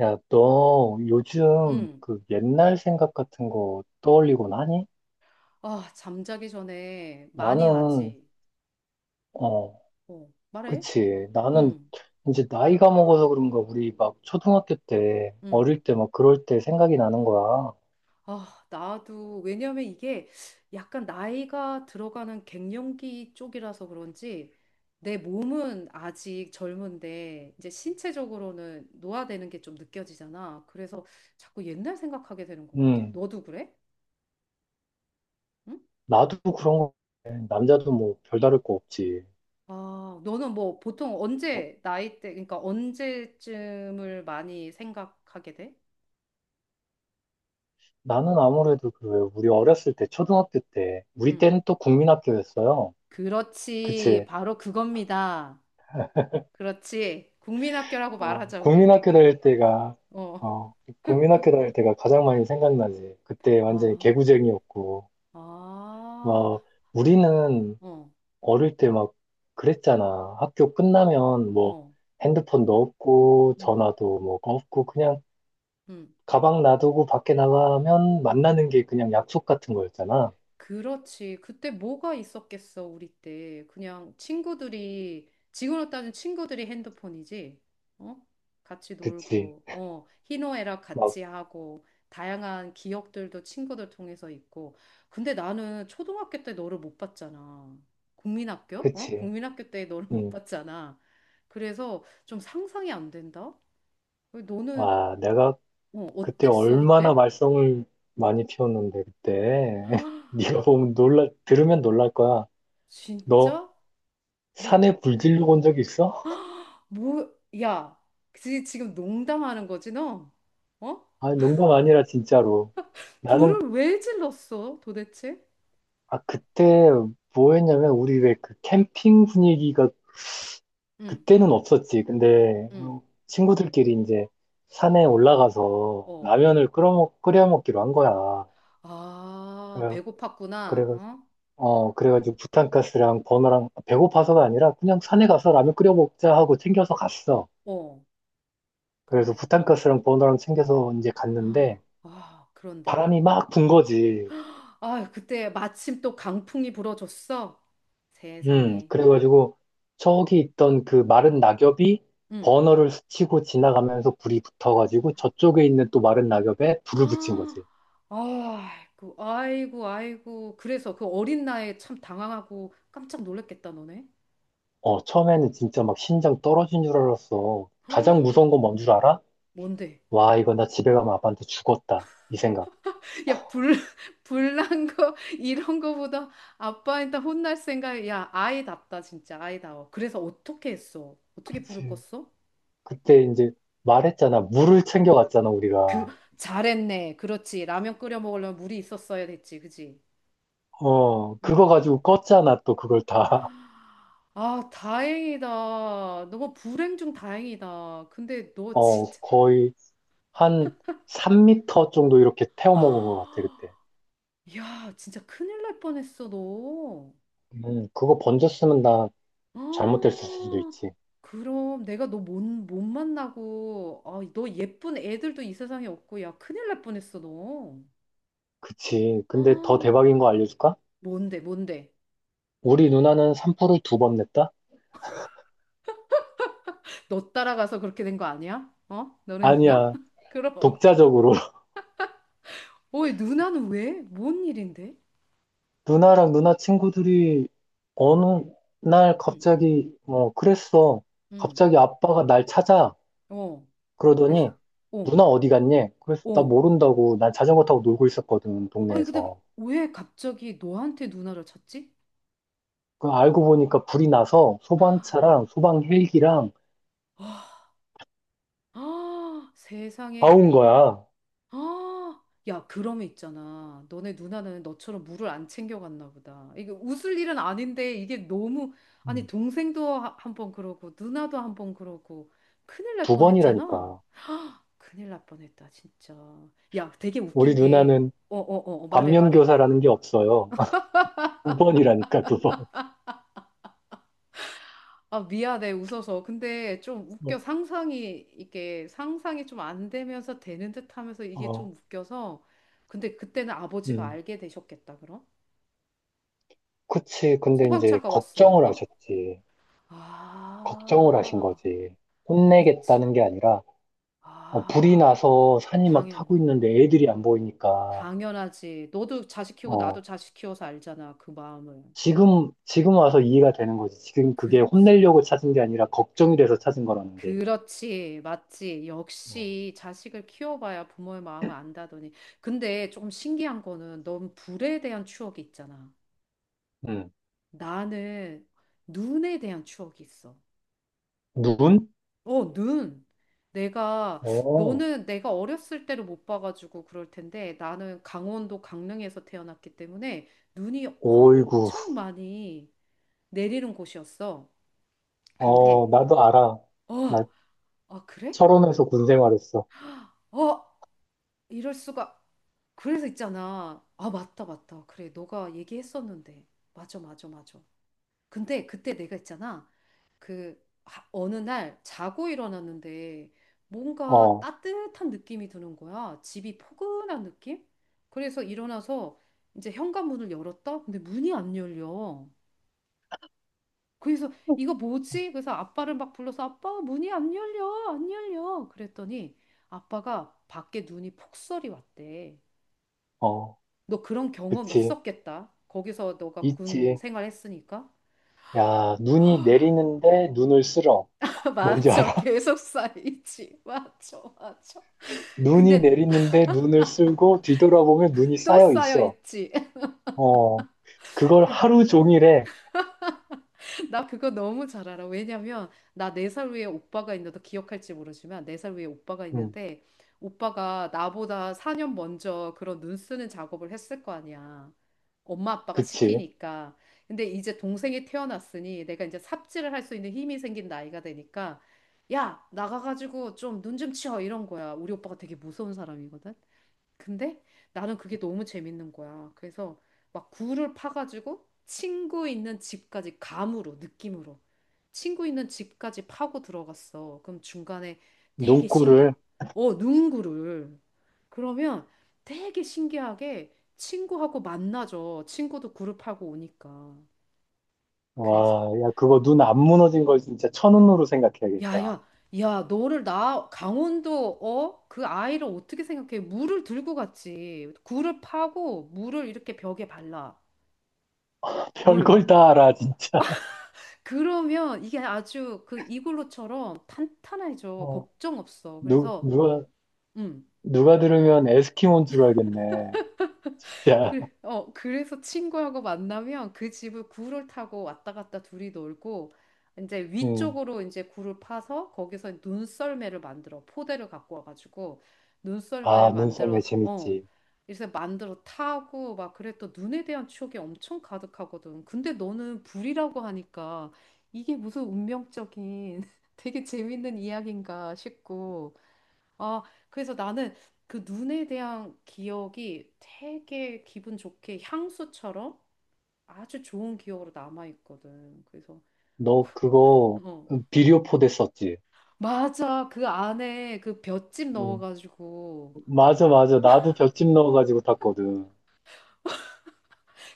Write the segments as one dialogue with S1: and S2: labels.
S1: 야, 너 요즘
S2: 응.
S1: 그 옛날 생각 같은 거 떠올리곤 하니?
S2: 아, 잠자기 전에 많이
S1: 나는,
S2: 하지. 응.
S1: 어,
S2: 어, 말해? 어.
S1: 그치. 나는
S2: 응.
S1: 이제 나이가 먹어서 그런가 우리 막 초등학교 때,
S2: 응.
S1: 어릴 때 막 그럴 때 생각이 나는 거야.
S2: 아, 나도 왜냐면 이게 약간 나이가 들어가는 갱년기 쪽이라서 그런지 내 몸은 아직 젊은데 이제 신체적으로는 노화되는 게 좀 느껴지잖아. 그래서 자꾸 옛날 생각하게 되는 것 같아.
S1: 음,
S2: 너도 그래? 응?
S1: 나도 그런 거, 같아. 남자도 뭐 별다를 거 없지.
S2: 아, 너는 뭐 보통
S1: 어,
S2: 언제 나이 때, 그러니까 언제쯤을 많이 생각하게 돼?
S1: 나는 아무래도 그 왜 우리 어렸을 때, 초등학교 때, 우리
S2: 응.
S1: 때는 또 국민학교였어요.
S2: 그렇지.
S1: 그치.
S2: 바로 그겁니다. 그렇지. 국민학교라고
S1: 어,
S2: 말하자, 우리.
S1: 국민학교 다닐 때가,
S2: 어.
S1: 어, 국민학교 다닐 때가 가장 많이 생각나지. 그때 완전히
S2: 아,
S1: 개구쟁이였고,
S2: 아,
S1: 막, 우리는
S2: 어,
S1: 어릴 때 막 그랬잖아. 학교 끝나면 뭐,
S2: 어,
S1: 핸드폰도 없고,
S2: 음,
S1: 전화도 뭐 없고, 그냥
S2: 음.
S1: 가방 놔두고 밖에 나가면 만나는 게 그냥 약속 같은 거였잖아.
S2: 그렇지. 그때 뭐가 있었겠어, 우리 때. 그냥 친구들이, 지금으로 따지면 친구들이 핸드폰이지. 어? 같이
S1: 그치.
S2: 놀고, 어, 희노애락
S1: 막,
S2: 같이 하고, 다양한 기억들도 친구들 통해서 있고. 근데 나는 초등학교 때 너를 못 봤잖아. 국민학교? 어?
S1: 그치.
S2: 국민학교 때 너를 못
S1: 응.
S2: 봤잖아. 그래서 좀 상상이 안 된다? 너는,
S1: 와, 내가
S2: 어,
S1: 그때
S2: 어땠어,
S1: 얼마나
S2: 그때?
S1: 말썽을 많이 피웠는데 그때 네가 보면 놀라 들으면 놀랄 거야. 너
S2: 진짜? 뭐?
S1: 산에 불 질러 본 적 있어?
S2: 뭐, 야, 지금 농담하는 거지, 너? 어?
S1: 아, 농담 아니라 진짜로. 나는
S2: 불을 왜 질렀어, 도대체?
S1: 아, 그때 뭐 했냐면 우리 왜 그 캠핑 분위기가
S2: 응,
S1: 그때는 없었지. 근데
S2: 응,
S1: 친구들끼리 이제 산에 올라가서
S2: 어.
S1: 라면을 끓여 먹기로 한 거야.
S2: 아,
S1: 그래 그래
S2: 배고팠구나, 어?
S1: 그래가지고 부탄가스랑 버너랑 배고파서가 아니라 그냥
S2: 어,
S1: 산에 가서 라면 끓여 먹자 하고 챙겨서 갔어.
S2: 어.
S1: 그래서
S2: 근데,
S1: 부탄가스랑 버너랑 챙겨서 이제
S2: 아,
S1: 갔는데
S2: 아, 그런데.
S1: 바람이 막 분 거지.
S2: 아, 그때 마침 또 강풍이 불어줬어. 세상에.
S1: 그래가지고 저기 있던 그 마른 낙엽이
S2: 응.
S1: 버너를 스치고 지나가면서 불이 붙어가지고 저쪽에 있는 또 마른 낙엽에 불을 붙인
S2: 아,
S1: 거지.
S2: 아이고, 아이고, 아이고. 그래서 그 어린 나이에 참 당황하고 깜짝 놀랐겠다, 너네.
S1: 처음에는 진짜 막 심장 떨어진 줄 알았어. 가장
S2: 아,
S1: 무서운 건 뭔 줄 알아?
S2: 뭔데?
S1: 와, 이거 나 집에 가면 아빠한테 죽었다. 이 생각.
S2: 야, 불, 불난 거, 이런 거보다 아빠한테 혼날 생각, 야, 아이답다, 진짜, 아이다워. 그래서 어떻게 했어? 어떻게 불을
S1: 그치.
S2: 껐어?
S1: 그때 이제 말했잖아. 물을 챙겨갔잖아, 우리가.
S2: 잘했네. 그렇지. 라면 끓여 먹으려면 물이 있었어야 됐지, 그지?
S1: 어, 그거
S2: 응.
S1: 가지고 껐잖아, 또 그걸 다.
S2: 아, 다행이다. 너가 불행 중 다행이다. 근데 너 진짜,
S1: 거의 한 3미터 정도 이렇게 태워 먹은 것 같아, 그때.
S2: 야, 진짜 큰일 날 뻔했어, 너.
S1: 그거 번졌으면 나 잘못됐을 수도
S2: 아,
S1: 있지.
S2: 그럼 내가 너 못 만나고, 아, 너 예쁜 애들도 이 세상에 없고, 야, 큰일 날 뻔했어, 너.
S1: 그치.
S2: 아,
S1: 근데 더 대박인 거 알려줄까?
S2: 뭔데, 뭔데?
S1: 우리 누나는 산불을 두 번 냈다?
S2: 너 따라가서 그렇게 된 거 아니야? 어? 너네 누나?
S1: 아니야.
S2: 그럼.
S1: 독자적으로.
S2: 어이, 누나는 왜? 뭔 일인데?
S1: 누나랑 누나 친구들이 어느 날
S2: 응,
S1: 갑자기, 그랬어.
S2: 응,
S1: 갑자기 아빠가 날 찾아.
S2: 어.
S1: 그러더니
S2: 그래서, 어,
S1: 누나 어디 갔니? 그래서 나
S2: 어.
S1: 모른다고 난 자전거 타고 놀고 있었거든
S2: 아니, 근데
S1: 동네에서.
S2: 왜 갑자기 너한테 누나를 찾지?
S1: 그 알고 보니까 불이 나서 소방차랑 소방 헬기랑
S2: 아,
S1: 다
S2: 세상에.
S1: 온 거야.
S2: 아, 야, 그러면 있잖아. 너네 누나는 너처럼 물을 안 챙겨갔나 보다. 이게 웃을 일은 아닌데 이게 너무 아니
S1: 음.
S2: 동생도 한번 그러고 누나도 한 번 그러고 큰일 날
S1: 두
S2: 뻔했잖아.
S1: 번이라니까.
S2: 큰일 날 뻔했다 진짜. 야, 되게
S1: 우리
S2: 웃긴 게
S1: 누나는
S2: 어, 어, 어, 어, 말해, 말해.
S1: 반면교사라는 게 없어요. 두 번이라니까 두 번.
S2: 아, 미안해, 웃어서. 근데 좀
S1: 어,
S2: 웃겨. 상상이, 이게 상상이 좀 안 되면서 되는 듯 하면서 이게
S1: 어,
S2: 좀 웃겨서. 근데 그때는 아버지가
S1: 음.
S2: 알게 되셨겠다, 그럼?
S1: 그치. 근데 이제
S2: 소방차가
S1: 걱정을
S2: 왔으니까?
S1: 하셨지. 걱정을 하신
S2: 아,
S1: 거지.
S2: 그치.
S1: 혼내겠다는 게 아니라, 불이
S2: 아,
S1: 나서 산이 막
S2: 당연,
S1: 타고 있는데 애들이 안 보이니까,
S2: 당연하지. 너도 자식 키우고 나도
S1: 어.
S2: 자식 키워서 알잖아, 그 마음을.
S1: 지금 와서 이해가 되는 거지. 지금 그게
S2: 그치.
S1: 혼내려고 찾은 게 아니라 걱정이 돼서 찾은 거라는 게.
S2: 그렇지, 맞지.
S1: 어,
S2: 역시 자식을 키워봐야 부모의 마음을 안다더니. 근데 조금 신기한 거는 넌 불에 대한 추억이 있잖아.
S1: 음.
S2: 나는 눈에 대한 추억이 있어.
S1: 눈?
S2: 어, 눈. 내가,
S1: 어,
S2: 너는 내가 어렸을 때를 못 봐가지고 그럴 텐데 나는 강원도 강릉에서 태어났기 때문에 눈이
S1: 오이구.
S2: 엄청 많이 내리는 곳이었어.
S1: 어,
S2: 근데,
S1: 나도 알아. 나
S2: 어, 아, 그래?
S1: 철원에서 군 생활했어.
S2: 어, 이럴 수가. 그래서 있잖아. 아, 맞다, 맞다. 그래, 너가 얘기했었는데. 맞아, 맞아, 맞아. 근데 그때 내가 있잖아. 그 어느 날 자고 일어났는데 뭔가
S1: 어,
S2: 따뜻한 느낌이 드는 거야. 집이 포근한 느낌? 그래서 일어나서 이제 현관문을 열었다? 근데 문이 안 열려. 그래서 이거 뭐지? 그래서 아빠를 막 불러서 아빠 문이 안 열려. 안 열려. 그랬더니 아빠가 밖에 눈이 폭설이 왔대.
S1: 어,
S2: 너 그런 경험
S1: 그치.
S2: 있었겠다. 거기서 너가 군
S1: 있지.
S2: 생활했으니까.
S1: 야, 눈이 내리는데 눈을 쓸어. 뭔지
S2: 맞아.
S1: 알아?
S2: 계속 쌓이지. 맞아. 맞아.
S1: 눈이
S2: 근데
S1: 내리는데 눈을 쓸고 뒤돌아보면 눈이
S2: 또
S1: 쌓여
S2: 쌓여
S1: 있어.
S2: 있지.
S1: 어, 그걸
S2: 그-
S1: 하루 종일 해.
S2: 나 그거 너무 잘 알아. 왜냐면 나 네 살 위에 오빠가 있는데 너 기억할지 모르지만 네 살 위에 오빠가
S1: 음,
S2: 있는데 오빠가 나보다 4년 먼저 그런 눈 쓰는 작업을 했을 거 아니야. 엄마 아빠가
S1: 그치.
S2: 시키니까. 근데 이제 동생이 태어났으니 내가 이제 삽질을 할 수 있는 힘이 생긴 나이가 되니까 야, 나가가지고 좀 눈 좀 치워 이런 거야. 우리 오빠가 되게 무서운 사람이거든. 근데 나는 그게 너무 재밌는 거야. 그래서 막 굴을 파가지고 친구 있는 집까지 감으로, 느낌으로. 친구 있는 집까지 파고 들어갔어. 그럼 중간에 되게 신기,
S1: 눈코를
S2: 어, 누군가를. 그러면 되게 신기하게 친구하고 만나죠. 친구도 굴을 파고 오니까. 그래서,
S1: 와, 야, 그거 눈 안 무너진 걸 진짜 천운으로
S2: 야,
S1: 생각해야겠다.
S2: 야, 야, 너를 나 강원도, 어? 그 아이를 어떻게 생각해? 물을 들고 갔지. 굴을 파고 물을 이렇게 벽에 발라. 물.
S1: 별걸 다 알아, 진짜.
S2: 그러면 이게 아주 그 이글루처럼 탄탄해져.
S1: 어,
S2: 걱정 없어.
S1: 누,
S2: 그래서,
S1: 누가,
S2: 음,
S1: 누가 들으면 에스키모인 줄 알겠네. 진짜.
S2: 그, 어, 그래서 친구하고 만나면 그 집을 구를 타고 왔다 갔다 둘이 놀고 이제
S1: 응.
S2: 위쪽으로 이제 구를 파서 거기서 눈썰매를 만들어 포대를 갖고 와가지고
S1: 아,
S2: 눈썰매를
S1: 눈썰매
S2: 만들어서 어
S1: 재밌지.
S2: 그래서 만들어 타고 막 그래 또 눈에 대한 추억이 엄청 가득하거든. 근데 너는 불이라고 하니까 이게 무슨 운명적인 되게 재밌는 이야기인가 싶고 아, 그래서 나는 그 눈에 대한 기억이 되게 기분 좋게 향수처럼 아주 좋은 기억으로 남아있거든. 그래서,
S1: 너 그거
S2: 어.
S1: 비료포대 썼지?
S2: 맞아. 그 안에 그 볏짚
S1: 응,
S2: 넣어가지고.
S1: 맞아, 맞아. 나도 볏짚 넣어가지고 탔거든.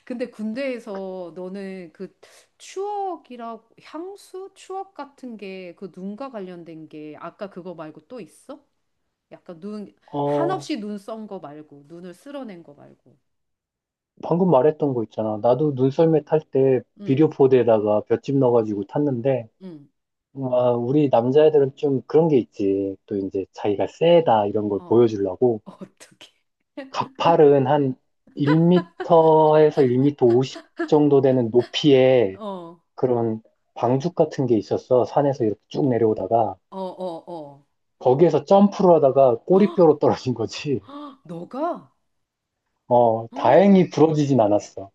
S2: 근데 군대에서 너는 그 추억이라고, 향수? 추억 같은 게 그 눈과 관련된 게 아까 그거 말고 또 있어? 약간 눈,
S1: 어,
S2: 한없이 눈 썬 거 말고, 눈을 쓸어낸 거 말고.
S1: 방금 말했던 거 있잖아. 나도 눈썰매 탈 때
S2: 응,
S1: 비료포대에다가 볏짚 넣어가지고 탔는데,
S2: 응.
S1: 와, 우리 남자애들은 좀 그런 게 있지. 또 이제 자기가 세다 이런 걸
S2: 어,
S1: 보여주려고
S2: 어떻게.
S1: 가팔은 한 1m에서 1m 50 정도 되는 높이에
S2: 어.
S1: 그런 방죽 같은 게 있었어. 산에서 이렇게 쭉 내려오다가
S2: 어, 어, 어.
S1: 거기에서 점프를 하다가
S2: 헉,
S1: 꼬리뼈로 떨어진 거지.
S2: 헉, 너가?
S1: 어,
S2: 헉,
S1: 다행히 부러지진 않았어.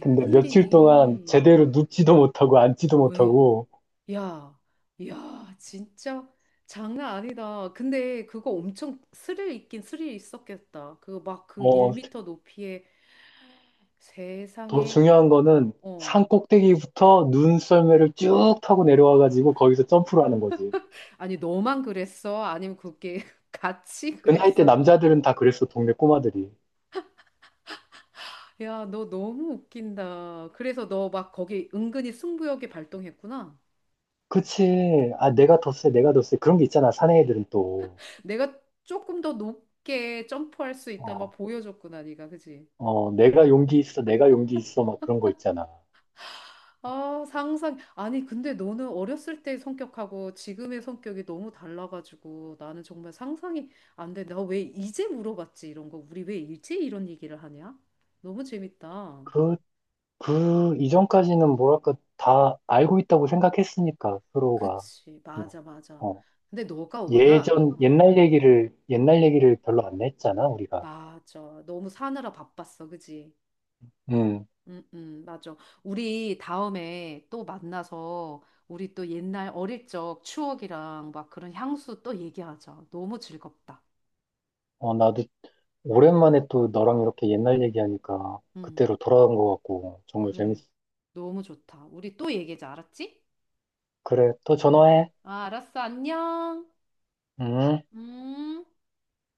S1: 근데 며칠 동안
S2: 웬일이니?
S1: 제대로 눕지도 못하고 앉지도
S2: 왜?
S1: 못하고
S2: 야, 야, 진짜 장난 아니다. 근데 그거 엄청 스릴 있긴 스릴 있었겠다. 그거 막 그
S1: 어,
S2: 1미터 높이에
S1: 더
S2: 세상에,
S1: 중요한 거는
S2: 어.
S1: 산 꼭대기부터 눈썰매를 쭉 타고 내려와가지고 거기서 점프를 하는 거지.
S2: 아니, 너만 그랬어? 아니면 그게 같이
S1: 그 나이 때
S2: 그랬어?
S1: 남자들은 다 그랬어, 동네 꼬마들이.
S2: 야, 너 너무 웃긴다. 그래서 너 막 거기 은근히 승부욕이 발동했구나.
S1: 그치. 아, 내가 더 세, 내가 더 세. 그런 게 있잖아, 사내 애들은 또.
S2: 내가 조금 더 높게 점프할 수 있다 막
S1: 어,
S2: 보여줬구나 네가 그지?
S1: 어, 내가 용기 있어, 내가 용기 있어. 막 그런 거 있잖아.
S2: 아 상상 아니 근데 너는 어렸을 때 성격하고 지금의 성격이 너무 달라가지고 나는 정말 상상이 안 돼. 나 왜 이제 물어봤지 이런 거 우리 왜 일제 이런 얘기를 하냐? 너무 재밌다.
S1: 그, 그 이전까지는 뭐랄까, 다 알고 있다고 생각했으니까, 서로가.
S2: 그치
S1: 그냥,
S2: 맞아 맞아.
S1: 어,
S2: 근데 너가 워낙 응,
S1: 옛날
S2: 응
S1: 얘기를 별로 안 했잖아, 우리가.
S2: 맞아 너무 사느라 바빴어 그지?
S1: 음.
S2: 맞아. 우리 다음에 또 만나서 우리 또 옛날 어릴 적 추억이랑 막 그런 향수 또 얘기하자. 너무 즐겁다.
S1: 어, 나도 오랜만에 또 너랑 이렇게 옛날 얘기하니까
S2: 음,
S1: 그때로 돌아간 것 같고 정말
S2: 그래.
S1: 재밌어.
S2: 너무 좋다. 우리 또 얘기하자. 알았지?
S1: 그래, 또
S2: 어.
S1: 전화해.
S2: 아, 알았어. 안녕.
S1: 응.
S2: 음.